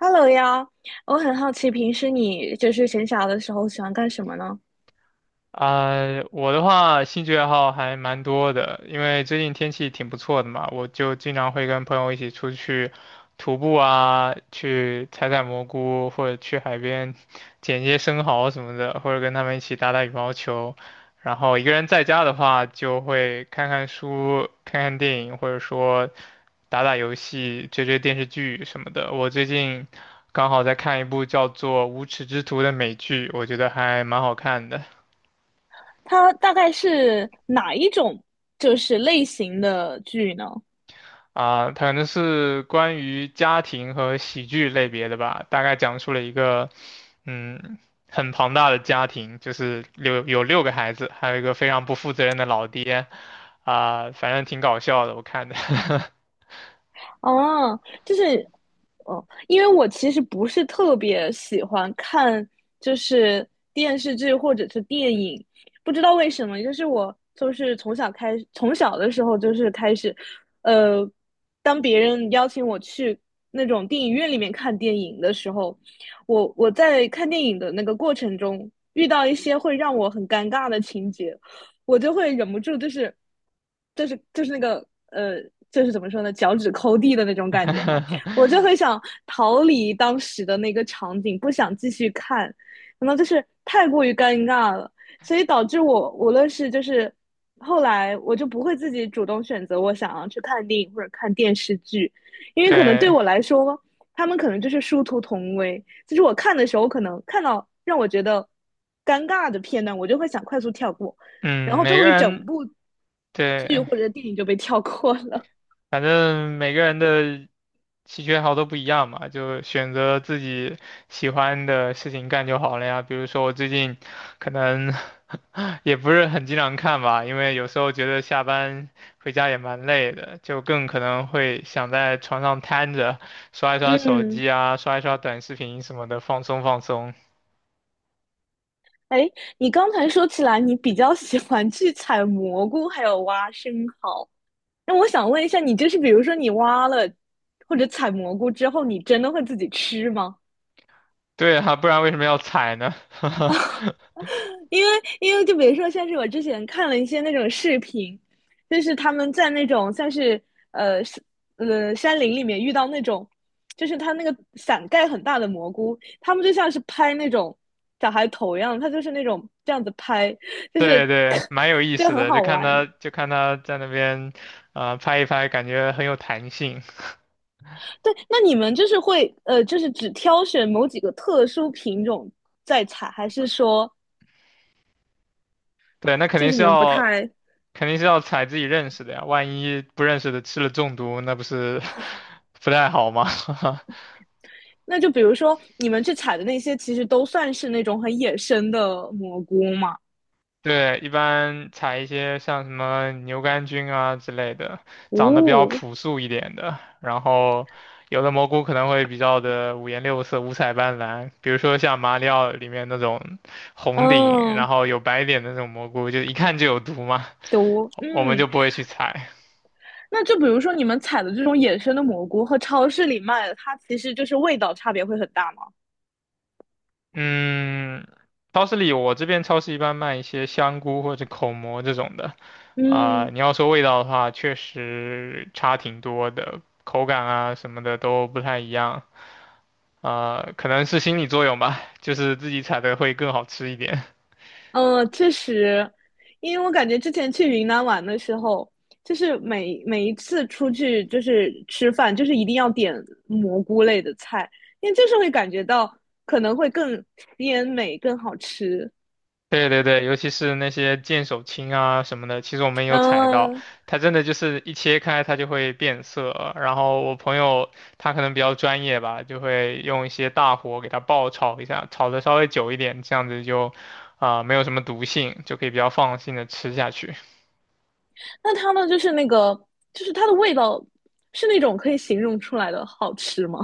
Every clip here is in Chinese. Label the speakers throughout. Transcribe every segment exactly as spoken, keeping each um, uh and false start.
Speaker 1: Hello 呀，我很好奇，平时你就是闲暇的时候喜欢干什么呢？
Speaker 2: 啊、我的话兴趣爱好还蛮多的，因为最近天气挺不错的嘛，我就经常会跟朋友一起出去徒步啊，去采采蘑菇，或者去海边捡一些生蚝什么的，或者跟他们一起打打羽毛球。然后一个人在家的话，就会看看书、看看电影，或者说打打游戏、追追电视剧什么的。我最近刚好在看一部叫做《无耻之徒》的美剧，我觉得还蛮好看的。
Speaker 1: 它大概是哪一种就是类型的剧呢？
Speaker 2: 啊，它可能是关于家庭和喜剧类别的吧，大概讲述了一个，嗯，很庞大的家庭，就是六有六个孩子，还有一个非常不负责任的老爹，啊、反正挺搞笑的，我看的。
Speaker 1: 哦，就是哦，因为我其实不是特别喜欢看，就是电视剧或者是电影，不知道为什么，就是我就是从小开始，从小的时候就是开始，呃，当别人邀请我去那种电影院里面看电影的时候，我我在看电影的那个过程中遇到一些会让我很尴尬的情节，我就会忍不住就是就是就是那个呃，就是怎么说呢，脚趾抠地的那种感觉嘛，我就会想逃离当时的那个场景，不想继续看，可能就是太过于尴尬了，所以导致我无论是就是后来我就不会自己主动选择我想要去看电影或者看电视剧，因为可能对
Speaker 2: 对，
Speaker 1: 我来说，他们可能就是殊途同归，就是我看的时候可能看到让我觉得尴尬的片段，我就会想快速跳过。然
Speaker 2: 嗯，
Speaker 1: 后
Speaker 2: 每
Speaker 1: 周
Speaker 2: 个
Speaker 1: 围整
Speaker 2: 人
Speaker 1: 部剧
Speaker 2: 对，
Speaker 1: 或者电影就被跳过了。
Speaker 2: 反正每个人的兴趣爱好都不一样嘛，就选择自己喜欢的事情干就好了呀。比如说我最近可能 也不是很经常看吧，因为有时候觉得下班回家也蛮累的，就更可能会想在床上瘫着刷一刷手
Speaker 1: 嗯，
Speaker 2: 机啊，刷一刷短视频什么的，放松放松。
Speaker 1: 哎，你刚才说起来，你比较喜欢去采蘑菇，还有挖生蚝。那我想问一下，你就是比如说你挖了或者采蘑菇之后，你真的会自己吃吗？
Speaker 2: 对啊，不然为什么要踩呢？
Speaker 1: 因为因为就比如说像是我之前看了一些那种视频，就是他们在那种像是呃呃山林里面遇到那种，就是他那个伞盖很大的蘑菇，他们就像是拍那种小孩头一样，他就是那种这样子拍，就
Speaker 2: 对
Speaker 1: 是
Speaker 2: 对，蛮有 意
Speaker 1: 就
Speaker 2: 思
Speaker 1: 很
Speaker 2: 的，就
Speaker 1: 好
Speaker 2: 看
Speaker 1: 玩。
Speaker 2: 他就看他在那边，啊，拍一拍，感觉很有弹性。
Speaker 1: 对，那你们就是会呃，就是只挑选某几个特殊品种在采，还是说
Speaker 2: 对，那肯
Speaker 1: 就
Speaker 2: 定
Speaker 1: 是
Speaker 2: 是
Speaker 1: 你们不
Speaker 2: 要
Speaker 1: 太
Speaker 2: 肯定是要踩自己认识的呀，万一不认识的吃了中毒，那不是 不太好吗？
Speaker 1: 那就比如说你们去采的那些，其实都算是那种很野生的蘑菇嘛？
Speaker 2: 对，一般采一些像什么牛肝菌啊之类的，长得比较
Speaker 1: 哦，
Speaker 2: 朴素一点的。然后，有的蘑菇可能会比较的五颜六色、五彩斑斓，比如说像马里奥里面那种红顶，然
Speaker 1: 嗯，
Speaker 2: 后有白点的那种蘑菇，就一看就有毒嘛，
Speaker 1: 都，
Speaker 2: 我们
Speaker 1: 嗯，
Speaker 2: 就不会去采。
Speaker 1: 那就比如说你们采的这种野生的蘑菇和超市里卖的，它其实就是味道差别会很大吗？
Speaker 2: 嗯，超市里我这边超市一般卖一些香菇或者口蘑这种的，啊、
Speaker 1: 嗯，
Speaker 2: 你要说味道的话，确实差挺多的，口感啊什么的都不太一样，啊、可能是心理作用吧，就是自己采的会更好吃一点。
Speaker 1: 呃，确实，因为我感觉之前去云南玩的时候，就是每每一次出去就是吃饭，就是一定要点蘑菇类的菜，因为就是会感觉到可能会更鲜美、更好吃。
Speaker 2: 对对对，尤其是那些剑手青啊什么的，其实我们有采到，
Speaker 1: 嗯，
Speaker 2: 它真的就是一切开它就会变色。然后我朋友他可能比较专业吧，就会用一些大火给它爆炒一下，炒的稍微久一点，这样子就啊、没有什么毒性，就可以比较放心的吃下去。
Speaker 1: 那它呢，就是那个，就是它的味道是那种可以形容出来的好吃吗？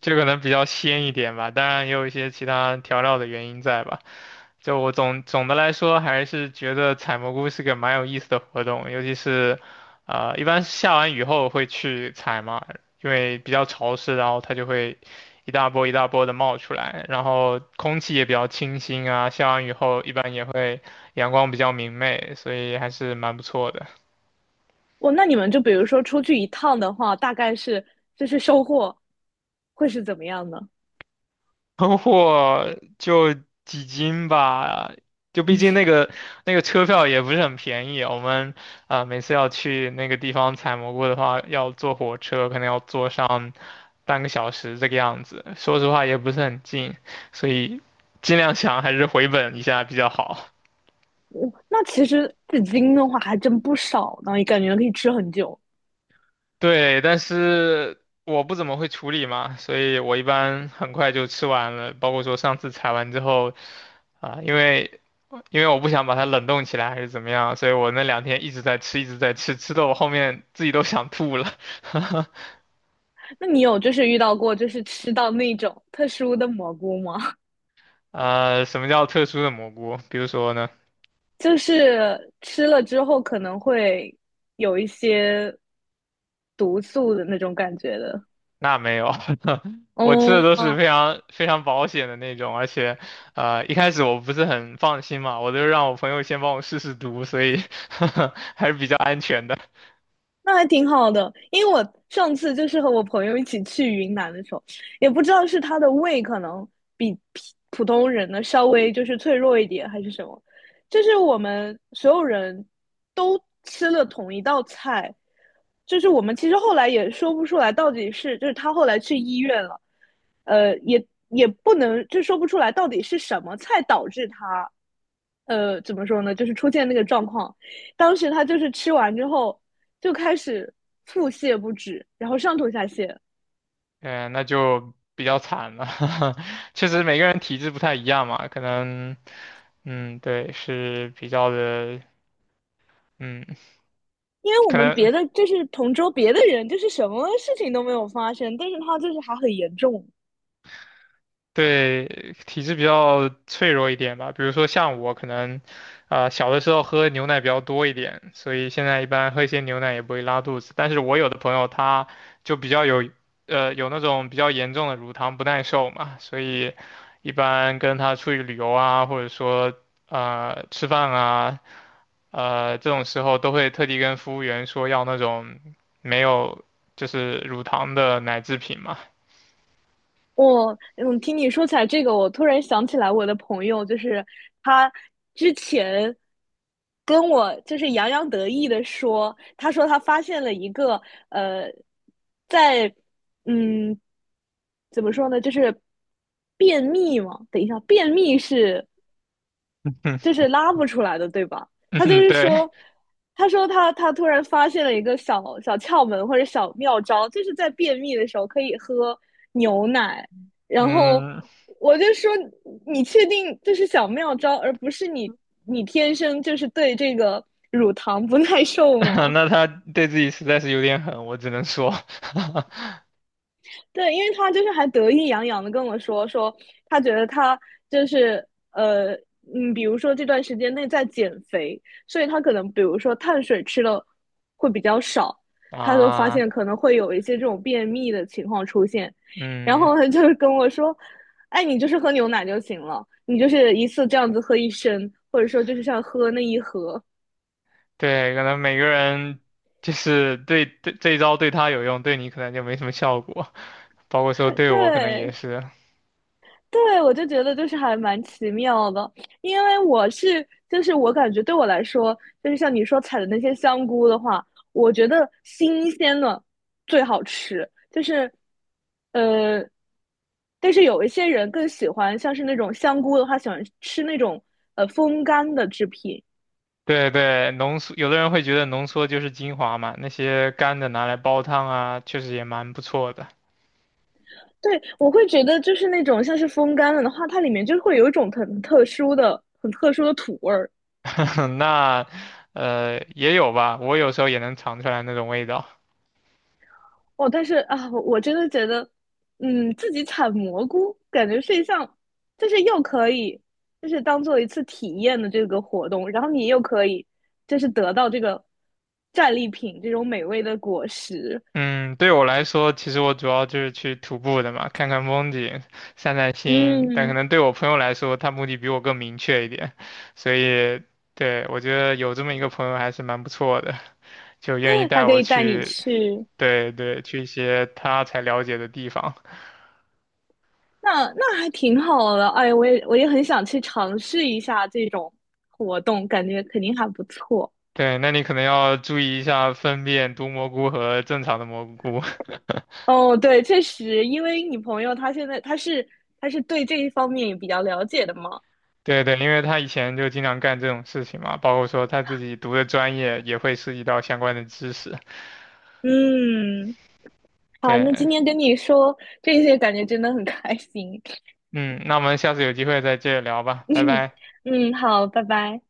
Speaker 2: 这可能比较鲜一点吧，当然也有一些其他调料的原因在吧。就我总总的来说，还是觉得采蘑菇是个蛮有意思的活动，尤其是，呃，一般下完雨后会去采嘛，因为比较潮湿，然后它就会一大波一大波的冒出来，然后空气也比较清新啊，下完雨后一般也会阳光比较明媚，所以还是蛮不错的。
Speaker 1: 我那你们就比如说出去一趟的话，大概是就是收获会是怎么样呢？
Speaker 2: 囤货就几斤吧，就毕竟那个那个车票也不是很便宜，我们啊、呃每次要去那个地方采蘑菇的话，要坐火车，可能要坐上半个小时这个样子。说实话也不是很近，所以尽量想还是回本一下比较好。
Speaker 1: 我那其实紫金的话还真不少呢，也感觉可以吃很久。
Speaker 2: 对，但是我不怎么会处理嘛，所以我一般很快就吃完了。包括说上次采完之后，啊、因为因为我不想把它冷冻起来还是怎么样，所以我那两天一直在吃，一直在吃，吃的我后面自己都想吐了。
Speaker 1: 那你有就是遇到过就是吃到那种特殊的蘑菇吗？
Speaker 2: 呃，什么叫特殊的蘑菇？比如说呢？
Speaker 1: 就是吃了之后可能会有一些毒素的那种感觉的。
Speaker 2: 那没有，我吃的都是
Speaker 1: 哦，
Speaker 2: 非常非常保险的那种，而且，呃，一开始我不是很放心嘛，我就让我朋友先帮我试试毒，所以 还是比较安全的。
Speaker 1: 那还挺好的，因为我上次就是和我朋友一起去云南的时候，也不知道是他的胃可能比普普通人呢稍微就是脆弱一点，还是什么，就是我们所有人都吃了同一道菜，就是我们其实后来也说不出来到底是，就是他后来去医院了，呃，也也不能就说不出来到底是什么菜导致他，呃，怎么说呢，就是出现那个状况。当时他就是吃完之后，就开始腹泻不止，然后上吐下泻。
Speaker 2: 嗯，那就比较惨了，确实每个人体质不太一样嘛，可能，嗯，对，是比较的，嗯，
Speaker 1: 因为我
Speaker 2: 可
Speaker 1: 们
Speaker 2: 能。
Speaker 1: 别的就是同桌别的人，就是什么事情都没有发生，但是他就是还很严重。
Speaker 2: 对，体质比较脆弱一点吧。比如说像我可能，啊、小的时候喝牛奶比较多一点，所以现在一般喝一些牛奶也不会拉肚子。但是我有的朋友他就比较有，呃，有那种比较严重的乳糖不耐受嘛，所以一般跟他出去旅游啊，或者说呃吃饭啊，呃这种时候都会特地跟服务员说要那种没有就是乳糖的奶制品嘛。
Speaker 1: 我嗯，听你说起来这个，我突然想起来我的朋友，就是他之前跟我就是洋洋得意的说，他说他发现了一个呃，在嗯怎么说呢，就是便秘嘛。等一下，便秘是就是 拉不出来的，对吧？他就
Speaker 2: 嗯，
Speaker 1: 是
Speaker 2: 对，
Speaker 1: 说，他说他他突然发现了一个小小窍门或者小妙招，就是在便秘的时候可以喝牛奶。然后
Speaker 2: 嗯，
Speaker 1: 我就说，你确定这是小妙招，而不是你你天生就是对这个乳糖不耐受 吗？
Speaker 2: 那他对自己实在是有点狠，我只能说，
Speaker 1: 对，因为他就是还得意洋洋的跟我说，说他觉得他就是呃，嗯，比如说这段时间内在减肥，所以他可能比如说碳水吃的会比较少，他就发
Speaker 2: 啊，
Speaker 1: 现可能会有一些这种便秘的情况出现，然
Speaker 2: 嗯，
Speaker 1: 后他就跟我说，哎，你就是喝牛奶就行了，你就是一次这样子喝一升，或者说就是像喝那一盒，
Speaker 2: 对，可能每个人就是对对这一招对他有用，对你可能就没什么效果，包括说对我可能也
Speaker 1: 对，
Speaker 2: 是，
Speaker 1: 对，我就觉得就是还蛮奇妙的，因为我是就是我感觉对我来说，就是像你说采的那些香菇的话，我觉得新鲜的最好吃，就是呃，但是有一些人更喜欢像是那种香菇的话，喜欢吃那种呃风干的制品。
Speaker 2: 对对，浓缩，有的人会觉得浓缩就是精华嘛，那些干的拿来煲汤啊，确实也蛮不错的，
Speaker 1: 对，我会觉得就是那种像是风干了的话，它里面就会有一种很特殊的、很特殊的土味儿。
Speaker 2: 那呃也有吧，我有时候也能尝出来那种味道，
Speaker 1: 哦，但是啊，我真的觉得，嗯，自己采蘑菇感觉是一项，就是又可以，就是当做一次体验的这个活动，然后你又可以，就是得到这个战利品这种美味的果实，
Speaker 2: 嗯，对我来说，其实我主要就是去徒步的嘛，看看风景，散散心。但可
Speaker 1: 嗯，
Speaker 2: 能对我朋友来说，他目的比我更明确一点，所以对我觉得有这么一个朋友还是蛮不错的，就愿意
Speaker 1: 他
Speaker 2: 带
Speaker 1: 可
Speaker 2: 我
Speaker 1: 以带你
Speaker 2: 去，
Speaker 1: 去，
Speaker 2: 对对，去一些他才了解的地方。
Speaker 1: 那那还挺好的，哎，我也我也很想去尝试一下这种活动，感觉肯定还不错。
Speaker 2: 对，那你可能要注意一下分辨毒蘑菇和正常的蘑菇。
Speaker 1: 哦，对，确实，因为你朋友他现在他是他是对这一方面也比较了解的嘛。
Speaker 2: 对对，因为他以前就经常干这种事情嘛，包括说他自己读的专业也会涉及到相关的知识。
Speaker 1: 嗯，好，那今
Speaker 2: 对。
Speaker 1: 天跟你说这些，感觉真的很开心。
Speaker 2: 嗯，那我们下次有机会再接着聊吧，拜拜。
Speaker 1: 嗯，好，拜拜。